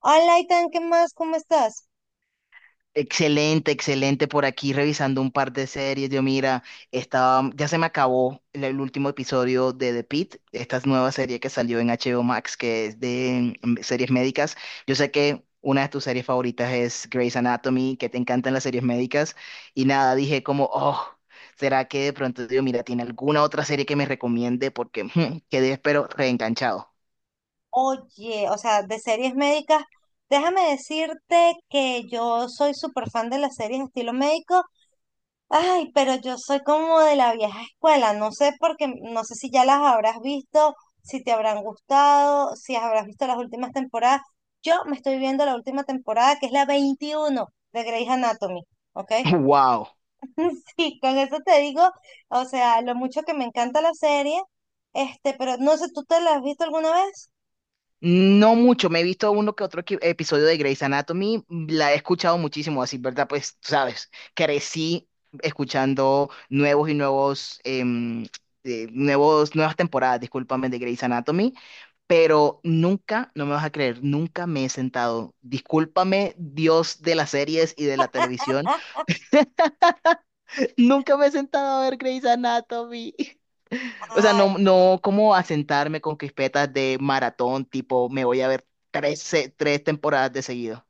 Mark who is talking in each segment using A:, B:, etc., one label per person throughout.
A: Hola, Itan, ¿qué más? ¿Cómo estás?
B: Excelente, excelente. Por aquí revisando un par de series. Yo, mira, estaba, ya se me acabó el último episodio de The Pitt, esta nueva serie que salió en HBO Max, que es de series médicas. Yo sé que una de tus series favoritas es Grey's Anatomy, que te encantan las series médicas. Y nada, dije como, oh, ¿será que de pronto, digo, mira, tiene alguna otra serie que me recomiende? Porque quedé, pero reenganchado.
A: Oye, o sea, de series médicas, déjame decirte que yo soy súper fan de las series estilo médico. Ay, pero yo soy como de la vieja escuela. No sé porque, no sé si ya las habrás visto, si te habrán gustado, si habrás visto las últimas temporadas. Yo me estoy viendo la última temporada, que es la 21 de Grey's Anatomy, ¿ok?
B: ¡Wow!
A: Sí, con eso te digo, o sea, lo mucho que me encanta la serie, este, pero no sé, ¿tú te la has visto alguna vez?
B: No mucho, me he visto uno que otro episodio de Grey's Anatomy, la he escuchado muchísimo, así, ¿verdad? Pues, tú sabes, crecí escuchando nuevos y nuevos, nuevas temporadas, discúlpame, de Grey's Anatomy, pero nunca, no me vas a creer, nunca me he sentado, discúlpame, Dios de las series y de la televisión, nunca me he sentado a ver Grey's Anatomy. O sea,
A: Ay,
B: no, no como asentarme con crispetas de maratón, tipo, me voy a ver tres temporadas de seguido.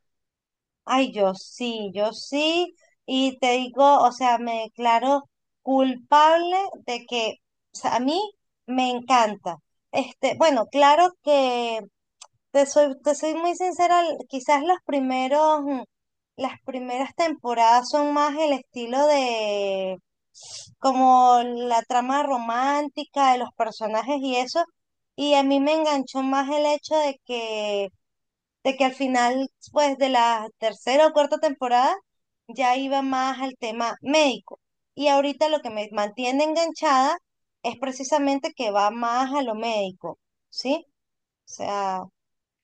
A: ay, yo sí, yo sí, y te digo, o sea, me declaro culpable de que, o sea, a mí me encanta. Este, bueno, claro que te soy, te soy muy sincera, quizás los primeros, las primeras temporadas son más el estilo de como la trama romántica de los personajes y eso, y a mí me enganchó más el hecho de que al final, pues de la tercera o cuarta temporada, ya iba más al tema médico. Y ahorita lo que me mantiene enganchada es precisamente que va más a lo médico, ¿sí? O sea,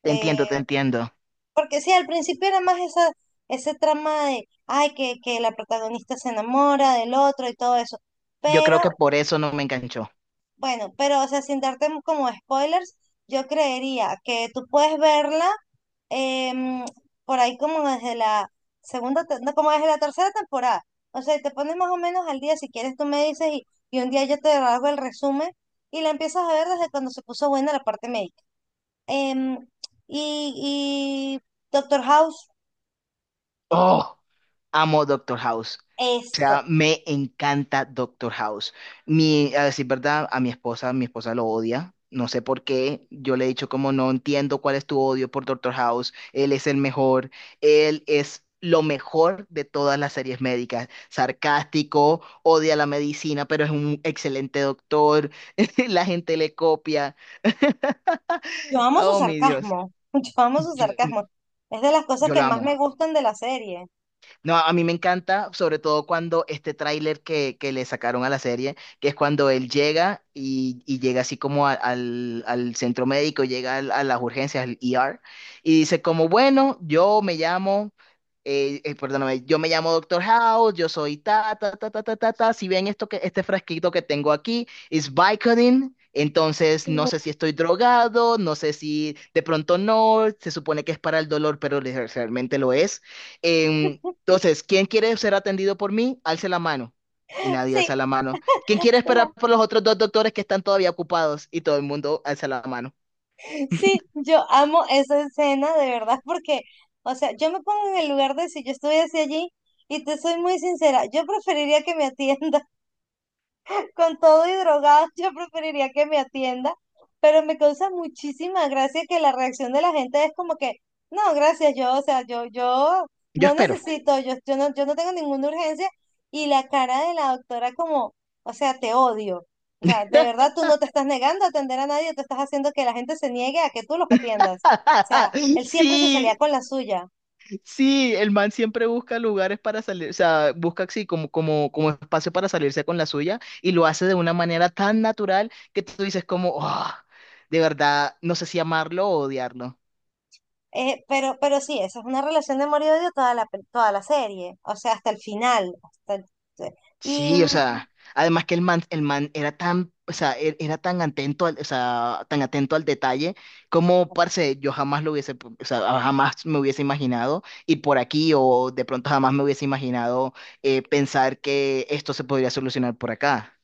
B: Te entiendo, te
A: eh,
B: entiendo.
A: porque sí, al principio era más esa, ese trama de, ay, que la protagonista se enamora del otro y todo eso.
B: Yo
A: Pero,
B: creo que por eso no me enganchó.
A: bueno, pero, o sea, sin darte como spoilers, yo creería que tú puedes verla em, por ahí como desde la segunda, no, como desde la tercera temporada. O sea, te pones más o menos al día, si quieres tú me dices, y un día yo te hago el resumen y la empiezas a ver desde cuando se puso buena la parte médica. Em, y, y Doctor House.
B: Oh, amo Doctor House. O
A: Eso,
B: sea, me encanta Doctor House. Mi, a decir verdad, a mi esposa lo odia. No sé por qué. Yo le he dicho como no entiendo cuál es tu odio por Doctor House. Él es el mejor. Él es lo mejor de todas las series médicas. Sarcástico, odia la medicina, pero es un excelente doctor. La gente le copia.
A: yo amo su
B: Oh, mi Dios.
A: sarcasmo, yo amo su
B: Yo,
A: sarcasmo. Es de las cosas
B: yo
A: que
B: lo
A: más
B: amo.
A: me gustan de la serie.
B: No, a mí me encanta, sobre todo cuando este tráiler que le sacaron a la serie, que es cuando él llega y llega así como al centro médico, a las urgencias, al ER, y dice como, bueno, yo me llamo, perdóname, yo me llamo Doctor House, yo soy ta, ta, ta, ta, ta, ta, ta, si ven esto que, este frasquito que tengo aquí, es Vicodin. Entonces, no sé si estoy drogado, no sé si de pronto no, se supone que es para el dolor, pero realmente lo es. Em, entonces, ¿quién quiere ser atendido por mí? Alce la mano. Y nadie
A: Sí,
B: alza la mano. ¿Quién quiere
A: la-
B: esperar por los otros dos doctores que están todavía ocupados? Y todo el mundo alza la mano.
A: sí, yo amo esa escena de verdad porque, o sea, yo me pongo en el lugar de si yo estuviese allí y te soy muy sincera, yo preferiría que me atiendan con todo y drogado, yo preferiría que me atienda, pero me causa muchísima gracia que la reacción de la gente es como que, no, gracias, yo, o sea, yo
B: Yo
A: no
B: espero.
A: necesito, yo no, yo no tengo ninguna urgencia, y la cara de la doctora como, o sea, te odio. O sea, de verdad tú no te estás negando a atender a nadie, tú estás haciendo que la gente se niegue a que tú los atiendas. O sea, él siempre se salía
B: Sí,
A: con la suya.
B: sí, el man siempre busca lugares para salir, o sea, busca así como, como espacio para salirse con la suya y lo hace de una manera tan natural que tú dices como, "Ah, de verdad, no sé si amarlo o odiarlo.
A: Pero sí, esa es una relación de amor y odio toda la, toda la serie, o sea, hasta el final. Y
B: Sí, o sea, además que el man era tan, o sea, era tan atento al, o sea, tan atento al detalle, como, parce, yo jamás lo hubiese, o sea, jamás me hubiese imaginado ir por aquí o de pronto jamás me hubiese imaginado pensar que esto se podría solucionar por acá.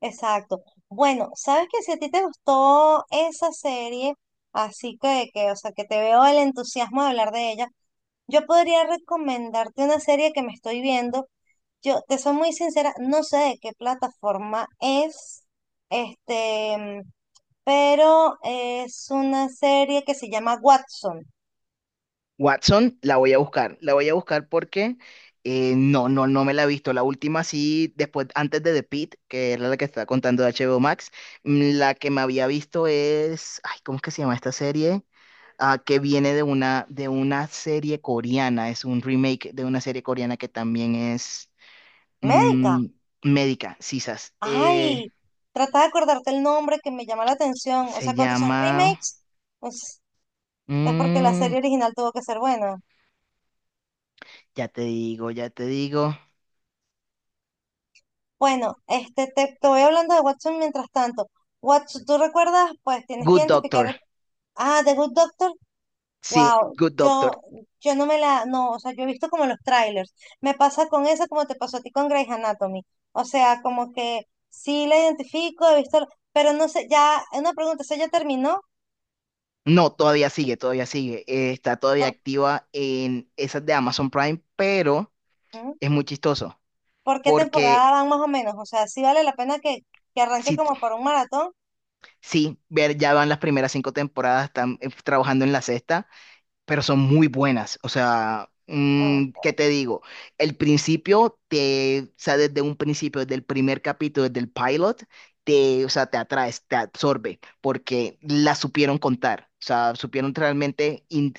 A: exacto. Bueno, sabes que si a ti te gustó esa serie, así que, o sea, que te veo el entusiasmo de hablar de ella, yo podría recomendarte una serie que me estoy viendo. Yo te soy muy sincera, no sé de qué plataforma es, este, mm, pero es una serie que se llama Watson,
B: Watson, la voy a buscar, la voy a buscar porque no me la he visto. La última sí, después, antes de The Pitt, que era la que estaba contando de HBO Max, la que me había visto es, ay, ¿cómo es que se llama esta serie? Ah, que viene de una serie coreana, es un remake de una serie coreana que también es
A: médica.
B: mm, médica, sisas.
A: Ay, trata de acordarte el nombre que me llama la atención. O
B: Se
A: sea, cuando son
B: llama,
A: remakes, pues es porque la
B: mm,
A: serie original tuvo que ser buena.
B: ya te digo,
A: Bueno, este, te voy hablando de Watson mientras tanto. Watson, ¿tú recuerdas? Pues tienes que
B: Good Doctor,
A: identificar. Ah, The Good Doctor.
B: sí,
A: Wow,
B: Good Doctor.
A: yo no me la, no, o sea, yo he visto como los trailers. Me pasa con esa como te pasó a ti con Grey's Anatomy. O sea, como que sí la identifico, he visto, pero no sé, ya, una pregunta, ¿se ya terminó?
B: No, todavía sigue, está todavía
A: Por...
B: activa en esas de Amazon Prime, pero
A: ¿Mm?
B: es muy chistoso
A: ¿Por qué
B: porque...
A: temporada van más o menos? O sea, ¿sí vale la pena que arranque
B: Sí,
A: como para un maratón?
B: sí, ver, ya van las primeras cinco temporadas, están trabajando en la sexta, pero son muy buenas. O sea,
A: O-
B: ¿qué te digo? El principio te, o sea, desde un principio, desde el primer capítulo, desde el pilot, te, o sea, te atraes, te absorbe, porque la supieron contar. O sea, supieron realmente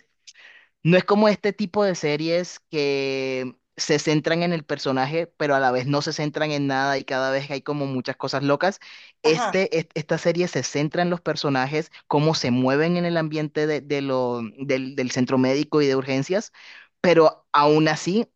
B: no es como este tipo de series que se centran en el personaje, pero a la vez no se centran en nada y cada vez hay como muchas cosas locas.
A: Ajá.
B: Esta serie se centra en los personajes, cómo se mueven en el ambiente del centro médico y de urgencias, pero aún así,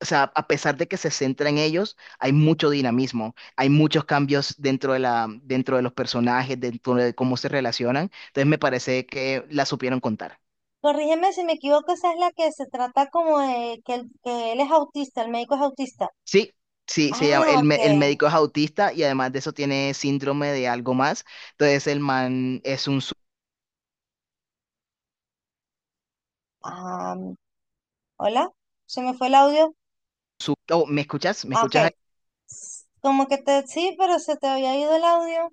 B: o sea, a pesar de que se centra en ellos, hay mucho dinamismo, hay muchos cambios dentro de la, dentro de los personajes, dentro de cómo se relacionan. Entonces me parece que la supieron contar.
A: Corrígeme si me equivoco, esa es la que se trata como de que, que él es autista, el médico es autista.
B: Sí, sí, se llama,
A: Ah,
B: el
A: ok.
B: médico es autista y además de eso tiene síndrome de algo más. Entonces el man es un...
A: Ah, hola, se me fue el audio.
B: Oh, ¿me escuchas? ¿Me
A: Ah,
B: escuchas?
A: ok. Como que te, sí, pero se te había ido el audio.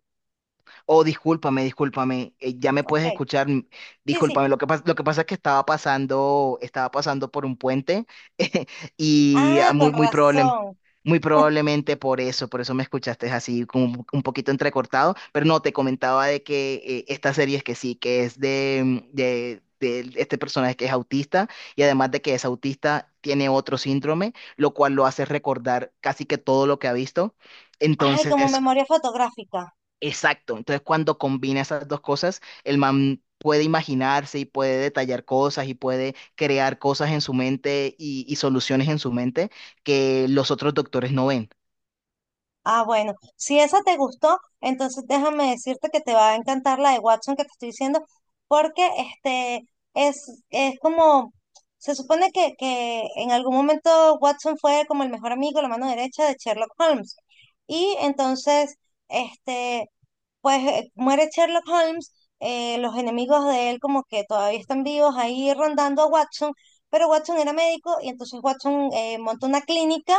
B: Oh, discúlpame, discúlpame, ya me
A: Ok.
B: puedes escuchar.
A: Sí, sí.
B: Discúlpame, lo que pasa es que estaba pasando por un puente. Y
A: Ah,
B: ah,
A: con razón.
B: muy probablemente por eso me escuchaste así como un poquito entrecortado, pero no, te comentaba de que esta serie es que sí, que es de, de este personaje que es autista y además de que es autista, tiene otro síndrome, lo cual lo hace recordar casi que todo lo que ha visto.
A: Ay,
B: Entonces,
A: como memoria fotográfica.
B: exacto. Entonces, cuando combina esas dos cosas, el man puede imaginarse y puede detallar cosas y puede crear cosas en su mente y soluciones en su mente que los otros doctores no ven.
A: Ah, bueno, si esa te gustó, entonces déjame decirte que te va a encantar la de Watson que te estoy diciendo, porque este es como, se supone que en algún momento Watson fue como el mejor amigo, la mano derecha de Sherlock Holmes. Y entonces, este, pues muere Sherlock Holmes, los enemigos de él como que todavía están vivos ahí rondando a Watson, pero Watson era médico y entonces Watson monta una clínica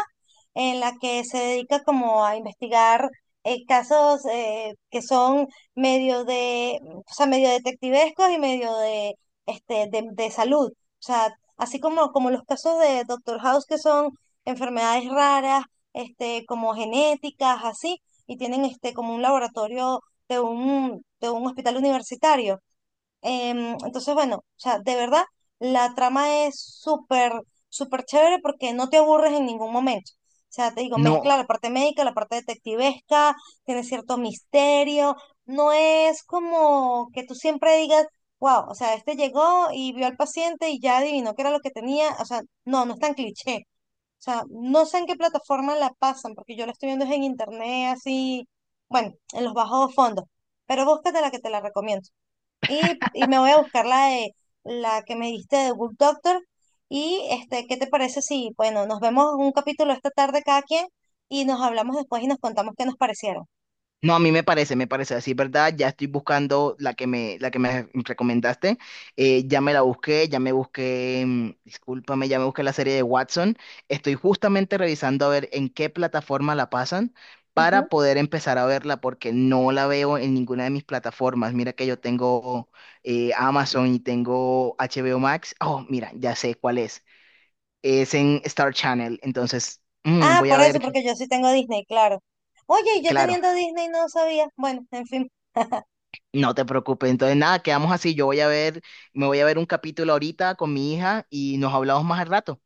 A: en la que se dedica como a investigar casos que son medio de, o sea, medio detectivescos y medio de, este, de salud. O sea, así como, como los casos de Doctor House que son enfermedades raras, este, como genéticas, así y tienen este como un laboratorio de un hospital universitario. Entonces, bueno, o sea, de verdad, la trama es súper, súper chévere porque no te aburres en ningún momento. O sea, te digo, mezcla
B: No,
A: la parte médica, la parte detectivesca, tiene cierto misterio. No es como que tú siempre digas, wow, o sea, este llegó y vio al paciente y ya adivinó qué era lo que tenía. O sea, no, no es tan cliché. O sea, no sé en qué plataforma la pasan, porque yo la estoy viendo es en internet, así, bueno, en los bajos fondos. Pero búscate la que te la recomiendo. Y me voy a buscar la de la que me diste de Good Doctor. Y este, ¿qué te parece si, bueno, nos vemos un capítulo esta tarde cada quien y nos hablamos después y nos contamos qué nos parecieron?
B: no, a mí me parece así, ¿verdad? Ya estoy buscando la que me recomendaste. Ya me la busqué, ya me busqué, discúlpame, ya me busqué la serie de Watson. Estoy justamente revisando a ver en qué plataforma la pasan
A: Ujú.
B: para poder empezar a verla, porque no la veo en ninguna de mis plataformas. Mira que yo tengo Amazon y tengo HBO Max. Oh, mira, ya sé cuál es. Es en Star Channel, entonces
A: Ah,
B: voy a
A: por eso,
B: ver,
A: porque yo sí tengo Disney, claro. Oye, y yo
B: claro.
A: teniendo Disney no sabía. Bueno, en fin,
B: No te preocupes. Entonces, nada, quedamos así. Yo voy a ver, me voy a ver un capítulo ahorita con mi hija y nos hablamos más al rato.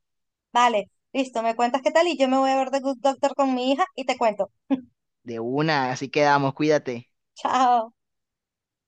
A: vale, listo, me cuentas qué tal y yo me voy a ver The Good Doctor con mi hija y te cuento.
B: De una, así quedamos, cuídate.
A: Chao.